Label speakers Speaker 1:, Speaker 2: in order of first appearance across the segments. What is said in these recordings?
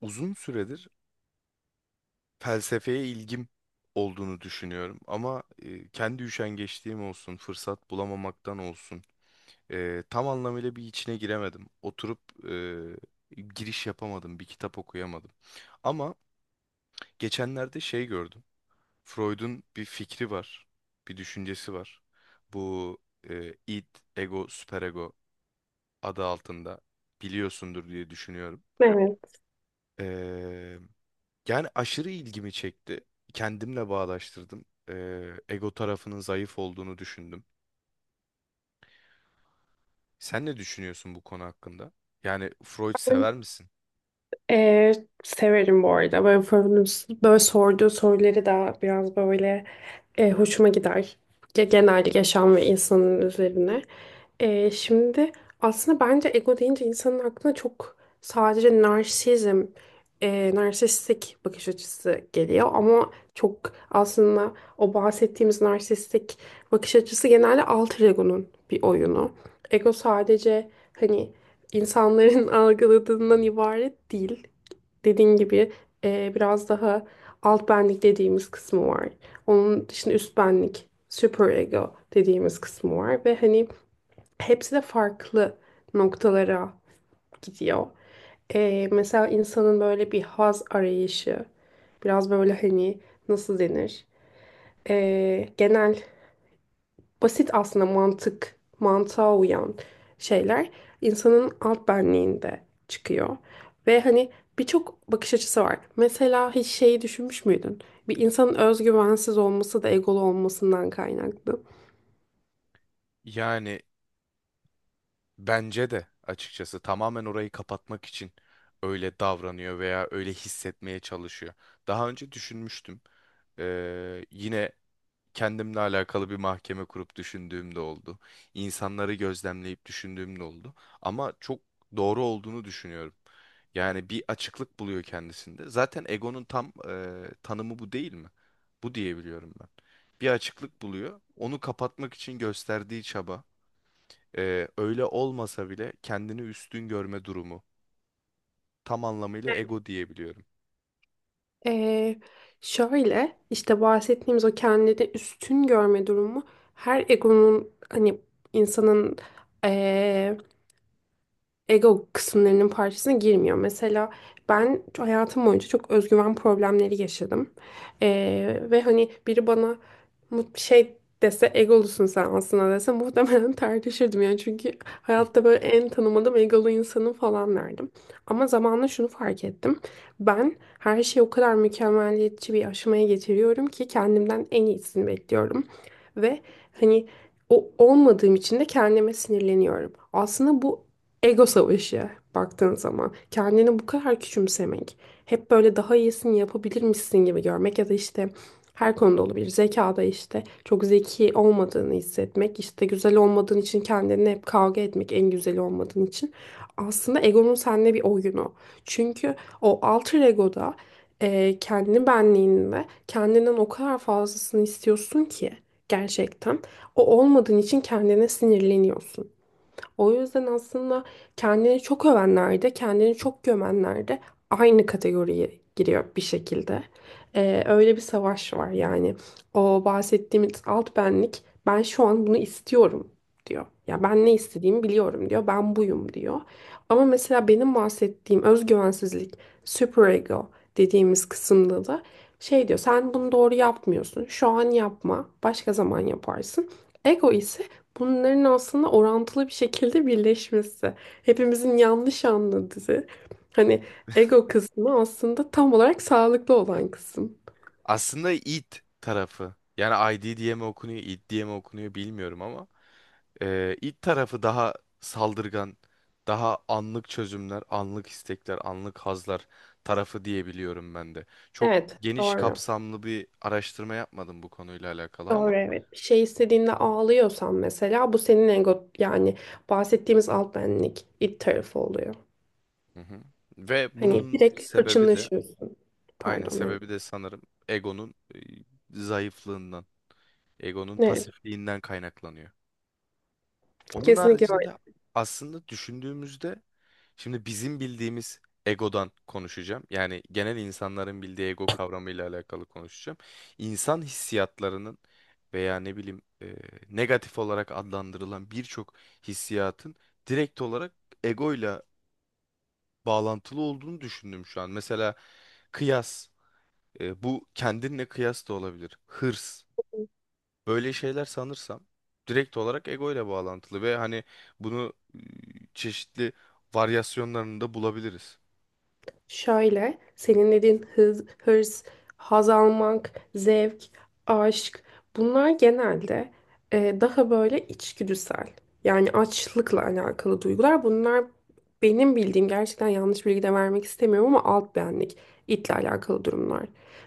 Speaker 1: Uzun süredir felsefeye ilgim olduğunu düşünüyorum. Ama kendi üşengeçliğim olsun, fırsat bulamamaktan olsun, tam anlamıyla bir içine giremedim. Oturup giriş yapamadım, bir kitap okuyamadım. Ama geçenlerde şey gördüm. Freud'un bir fikri var, bir düşüncesi var. Bu id, ego, süperego adı altında biliyorsundur diye düşünüyorum.
Speaker 2: Evet.
Speaker 1: Eee, Yani aşırı ilgimi çekti. Kendimle bağdaştırdım. Ego tarafının zayıf olduğunu düşündüm. Sen ne düşünüyorsun bu konu hakkında? Yani Freud
Speaker 2: Ben
Speaker 1: sever misin?
Speaker 2: eee, severim bu arada. Böyle, böyle sorduğu soruları da biraz böyle hoşuma gider. Genel yaşam ve insanın üzerine. Şimdi aslında bence ego deyince insanın aklına çok sadece narsizm, narsistik bakış açısı geliyor. Ama çok aslında o bahsettiğimiz narsistik bakış açısı genelde alter ego'nun bir oyunu. Ego sadece hani insanların algıladığından ibaret değil. Dediğin gibi biraz daha alt benlik dediğimiz kısmı var. Onun dışında üst benlik, super ego dediğimiz kısmı var ve hani hepsi de farklı noktalara gidiyor. Mesela insanın böyle bir haz arayışı, biraz böyle hani nasıl denir? Genel basit aslında mantık, mantığa uyan şeyler insanın alt benliğinde çıkıyor. Ve hani birçok bakış açısı var. Mesela hiç şeyi düşünmüş müydün? Bir insanın özgüvensiz olması da egolu olmasından kaynaklı.
Speaker 1: Yani bence de açıkçası tamamen orayı kapatmak için öyle davranıyor veya öyle hissetmeye çalışıyor. Daha önce düşünmüştüm. Yine kendimle alakalı bir mahkeme kurup düşündüğüm de oldu. İnsanları gözlemleyip düşündüğüm de oldu. Ama çok doğru olduğunu düşünüyorum. Yani bir açıklık buluyor kendisinde. Zaten egonun tam tanımı bu değil mi? Bu diyebiliyorum ben. Bir açıklık buluyor. Onu kapatmak için gösterdiği çaba, öyle olmasa bile kendini üstün görme durumu. Tam anlamıyla ego diyebiliyorum.
Speaker 2: Ee, Şöyle işte bahsettiğimiz o kendini üstün görme durumu her egonun hani insanın ego kısımlarının parçasına girmiyor. Mesela ben hayatım boyunca çok özgüven problemleri yaşadım. Ve hani biri bana şey dese egolusun sen aslında dese muhtemelen tartışırdım yani çünkü hayatta böyle en tanımadığım egolu insanım falan derdim. Ama zamanla şunu fark ettim. Ben her şeyi o kadar mükemmeliyetçi bir aşamaya getiriyorum ki kendimden en iyisini bekliyorum. Ve hani o olmadığım için de kendime sinirleniyorum. Aslında bu ego savaşı baktığın zaman kendini bu kadar küçümsemek, hep böyle daha iyisini yapabilirmişsin gibi görmek ya da işte her konuda olabilir. Zekada işte çok zeki olmadığını hissetmek, işte güzel olmadığın için kendini hep kavga etmek en güzeli olmadığın için. Aslında egonun seninle bir oyunu. Çünkü o alter egoda kendi benliğinde kendinden o kadar fazlasını istiyorsun ki gerçekten o olmadığın için kendine sinirleniyorsun. O yüzden aslında kendini çok övenler de, kendini çok gömenler de aynı kategoriye giriyor bir şekilde. Öyle bir savaş var yani. O bahsettiğimiz alt benlik, ben şu an bunu istiyorum diyor.
Speaker 1: Hı
Speaker 2: Ya
Speaker 1: hı.
Speaker 2: ben ne istediğimi biliyorum diyor. Ben buyum diyor. Ama mesela benim bahsettiğim özgüvensizlik, superego dediğimiz kısımda da şey diyor. Sen bunu doğru yapmıyorsun. Şu an yapma. Başka zaman yaparsın. Ego ise bunların aslında orantılı bir şekilde birleşmesi. Hepimizin yanlış anladığı. Hani ego kısmı aslında tam olarak sağlıklı olan kısım.
Speaker 1: Aslında id tarafı. Yani ID diye mi okunuyor, id diye mi okunuyor bilmiyorum ama. İlk tarafı daha saldırgan, daha anlık çözümler, anlık istekler, anlık hazlar tarafı diyebiliyorum ben de. Çok
Speaker 2: Evet,
Speaker 1: geniş
Speaker 2: doğru.
Speaker 1: kapsamlı bir araştırma yapmadım bu konuyla alakalı
Speaker 2: Doğru
Speaker 1: ama.
Speaker 2: evet. Bir şey istediğinde ağlıyorsan mesela bu senin ego yani bahsettiğimiz alt benlik it tarafı oluyor.
Speaker 1: Hı hı. Ve
Speaker 2: Hani
Speaker 1: bunun
Speaker 2: direkt
Speaker 1: sebebi de,
Speaker 2: hırçınlaşıyorsun.
Speaker 1: aynen
Speaker 2: Pardon evet.
Speaker 1: sebebi de sanırım egonun zayıflığından, egonun
Speaker 2: Evet,
Speaker 1: pasifliğinden kaynaklanıyor. Onun
Speaker 2: kesinlikle.
Speaker 1: haricinde aslında düşündüğümüzde şimdi bizim bildiğimiz egodan konuşacağım. Yani genel insanların bildiği ego kavramıyla alakalı konuşacağım. İnsan hissiyatlarının veya ne bileyim negatif olarak adlandırılan birçok hissiyatın direkt olarak egoyla bağlantılı olduğunu düşündüm şu an. Mesela kıyas, bu kendinle kıyas da olabilir. Hırs böyle şeyler sanırsam direkt olarak ego ile bağlantılı ve hani bunu çeşitli varyasyonlarında bulabiliriz.
Speaker 2: Şöyle, senin dediğin hız, hırs, haz almak, zevk, aşk bunlar genelde daha böyle içgüdüsel. Yani açlıkla alakalı duygular. Bunlar benim bildiğim gerçekten yanlış bilgi de vermek istemiyorum ama alt benlik itle alakalı durumlar.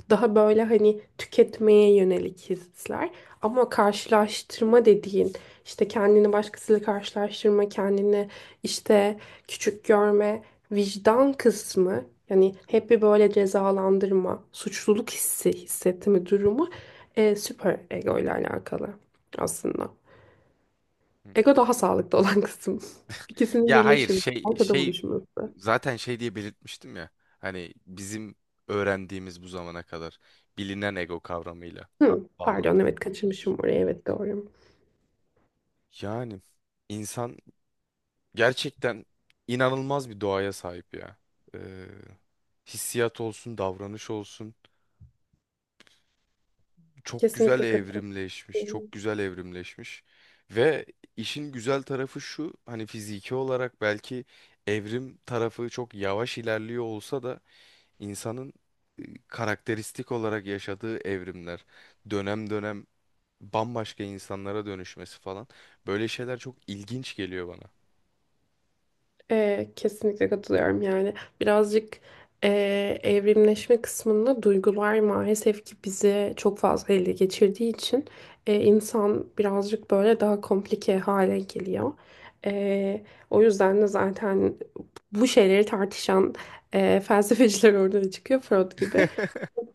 Speaker 2: Daha böyle hani tüketmeye yönelik hisler. Ama karşılaştırma dediğin işte kendini başkasıyla karşılaştırma, kendini işte küçük görme, vicdan kısmı yani hep bir böyle cezalandırma, suçluluk hissi hissetme durumu süper ego ile alakalı aslında.
Speaker 1: Hı hı.
Speaker 2: Ego daha sağlıklı olan kısım. İkisinin
Speaker 1: Ya hayır
Speaker 2: birleşimi,
Speaker 1: şey
Speaker 2: ortada
Speaker 1: şey
Speaker 2: buluşması.
Speaker 1: zaten şey diye belirtmiştim ya. Hani bizim öğrendiğimiz bu zamana kadar bilinen ego kavramıyla
Speaker 2: Hı, pardon evet
Speaker 1: bağlantılı diye görmüş.
Speaker 2: kaçırmışım orayı evet doğru.
Speaker 1: Yani insan gerçekten inanılmaz bir doğaya sahip ya. Ee, Hissiyat olsun, davranış olsun. Çok güzel
Speaker 2: Kesinlikle katılıyorum.
Speaker 1: evrimleşmiş, çok güzel evrimleşmiş. Ve işin güzel tarafı şu, hani fiziki olarak belki evrim tarafı çok yavaş ilerliyor olsa da insanın karakteristik olarak yaşadığı evrimler, dönem dönem bambaşka insanlara dönüşmesi falan, böyle şeyler çok ilginç geliyor bana.
Speaker 2: Kesinlikle katılıyorum yani birazcık e, evrimleşme kısmında duygular maalesef ki bizi çok fazla ele geçirdiği için insan birazcık böyle daha komplike hale geliyor. Ee, O yüzden de zaten bu şeyleri tartışan felsefeciler ortaya çıkıyor Freud gibi.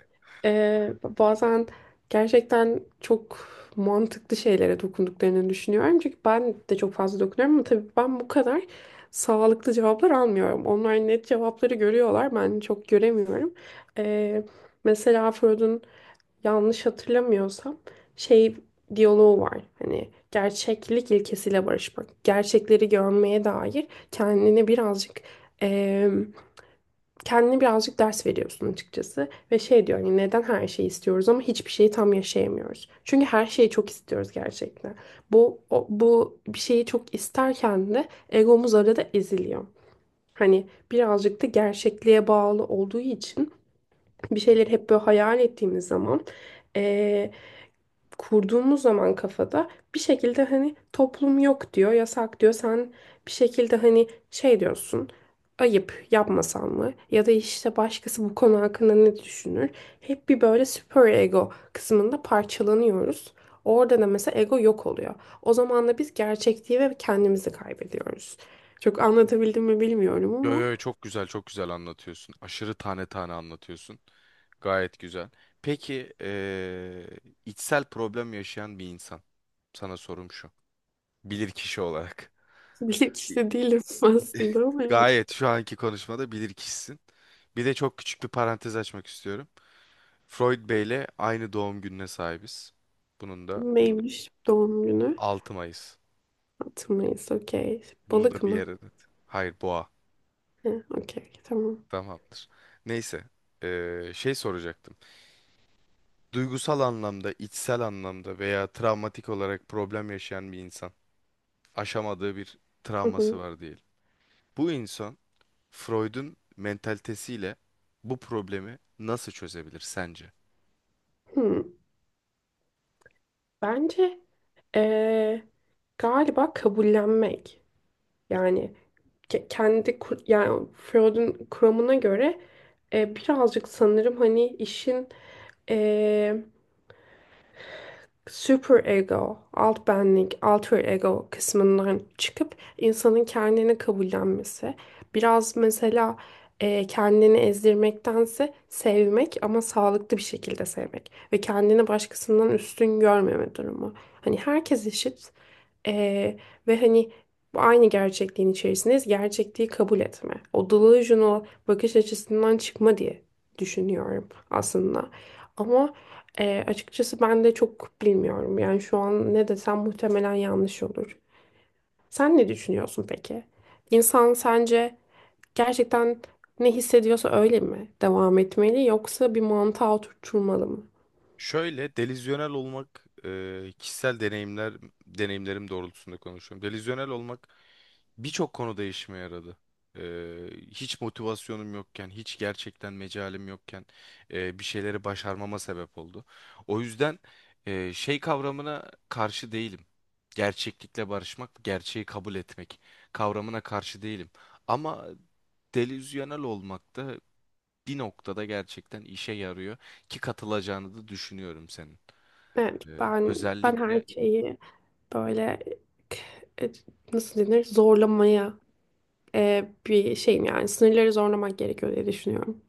Speaker 2: Bazen gerçekten çok mantıklı şeylere dokunduklarını düşünüyorum. Çünkü ben de çok fazla dokunuyorum ama tabii ben bu kadar sağlıklı cevaplar almıyorum. Onlar net cevapları görüyorlar, ben çok göremiyorum. Ee, Mesela Freud'un yanlış hatırlamıyorsam şey diyaloğu var. Hani gerçeklik ilkesiyle barışmak, gerçekleri görmeye dair kendini birazcık kendine birazcık ders veriyorsun açıkçası. Ve şey diyor hani neden her şeyi istiyoruz ama hiçbir şeyi tam yaşayamıyoruz. Çünkü her şeyi çok istiyoruz gerçekten. Bu bir şeyi çok isterken de egomuz arada eziliyor. Hani birazcık da gerçekliğe bağlı olduğu için bir şeyleri hep böyle hayal ettiğimiz zaman Ee, kurduğumuz zaman kafada bir şekilde hani toplum yok diyor, yasak diyor. Sen bir şekilde hani şey diyorsun. Ayıp yapmasan mı? Ya da işte başkası bu konu hakkında ne düşünür? Hep bir böyle süper ego kısmında parçalanıyoruz. Orada da mesela ego yok oluyor. O zaman da biz gerçekliği ve kendimizi kaybediyoruz. Çok anlatabildim mi bilmiyorum
Speaker 1: Yo
Speaker 2: ama
Speaker 1: yo, çok güzel çok güzel anlatıyorsun. Aşırı tane tane anlatıyorsun. Gayet güzel. Peki içsel problem yaşayan bir insan. Sana sorum şu. Bilir kişi olarak.
Speaker 2: bilinçli
Speaker 1: İ-
Speaker 2: işte değilim aslında ama
Speaker 1: Gayet şu anki konuşmada bilir kişisin. Bir de çok küçük bir parantez açmak istiyorum. Freud Bey'le aynı doğum gününe sahibiz. Bunun da
Speaker 2: neymiş doğum günü?
Speaker 1: 6 Mayıs.
Speaker 2: 6 Mayıs okey.
Speaker 1: Bunu
Speaker 2: Balık
Speaker 1: da bir
Speaker 2: mı?
Speaker 1: yere not. Hayır, boğa.
Speaker 2: He, okey, tamam.
Speaker 1: Tamamdır. Neyse, şey soracaktım. Duygusal anlamda, içsel anlamda veya travmatik olarak problem yaşayan bir insan aşamadığı bir
Speaker 2: Hı
Speaker 1: travması
Speaker 2: hı.
Speaker 1: var diyelim. Bu insan Freud'un mentalitesiyle bu problemi nasıl çözebilir sence?
Speaker 2: Hmm. Bence eee, galiba kabullenmek. Yani yani Freud'un kuramına göre birazcık sanırım hani işin super ego, alt benlik, alter ego kısmından çıkıp insanın kendini kabullenmesi. Biraz mesela kendini ezdirmektense sevmek ama sağlıklı bir şekilde sevmek ve kendini başkasından üstün görmeme durumu. Hani herkes eşit ee, ve hani bu aynı gerçekliğin içerisindeyiz. Gerçekliği kabul etme. O delusional bakış açısından çıkma diye düşünüyorum aslında. Ama açıkçası ben de çok bilmiyorum. Yani şu an ne desem muhtemelen yanlış olur. Sen ne düşünüyorsun peki? İnsan sence gerçekten ne hissediyorsa öyle mi devam etmeli yoksa bir mantığa oturtulmalı mı?
Speaker 1: Şöyle delizyonel olmak kişisel deneyimlerim doğrultusunda konuşuyorum. Delizyonel olmak birçok konuda işime yaradı. E, Hiç motivasyonum yokken, hiç gerçekten mecalim yokken bir şeyleri başarmama sebep oldu. O yüzden şey kavramına karşı değilim. Gerçeklikle barışmak, gerçeği kabul etmek kavramına karşı değilim. Ama delizyonel olmak da bir noktada gerçekten işe yarıyor ki katılacağını da düşünüyorum senin.
Speaker 2: Evet, ben her
Speaker 1: Özellikle
Speaker 2: şeyi böyle e, nasıl denir zorlamaya bir şeyim yani sınırları zorlamak gerekiyor diye düşünüyorum.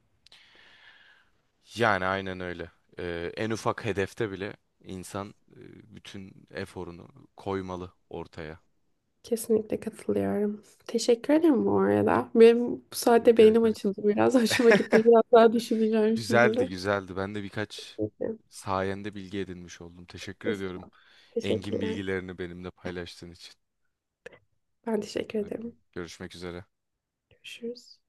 Speaker 1: yani aynen öyle. En ufak hedefte bile insan bütün eforunu koymalı ortaya.
Speaker 2: Kesinlikle katılıyorum. Teşekkür ederim bu arada. Benim bu saatte
Speaker 1: Rica
Speaker 2: beynim
Speaker 1: ederim.
Speaker 2: açıldı biraz. Hoşuma gitti. Biraz daha düşüneceğim şimdi.
Speaker 1: Güzeldi, güzeldi. Ben de birkaç
Speaker 2: Peki.
Speaker 1: sayende bilgi edinmiş oldum. Teşekkür ediyorum.
Speaker 2: Estağfurullah.
Speaker 1: Engin
Speaker 2: Teşekkürler.
Speaker 1: bilgilerini benimle paylaştığın için.
Speaker 2: Ben teşekkür ederim.
Speaker 1: Görüşmek üzere.
Speaker 2: Görüşürüz.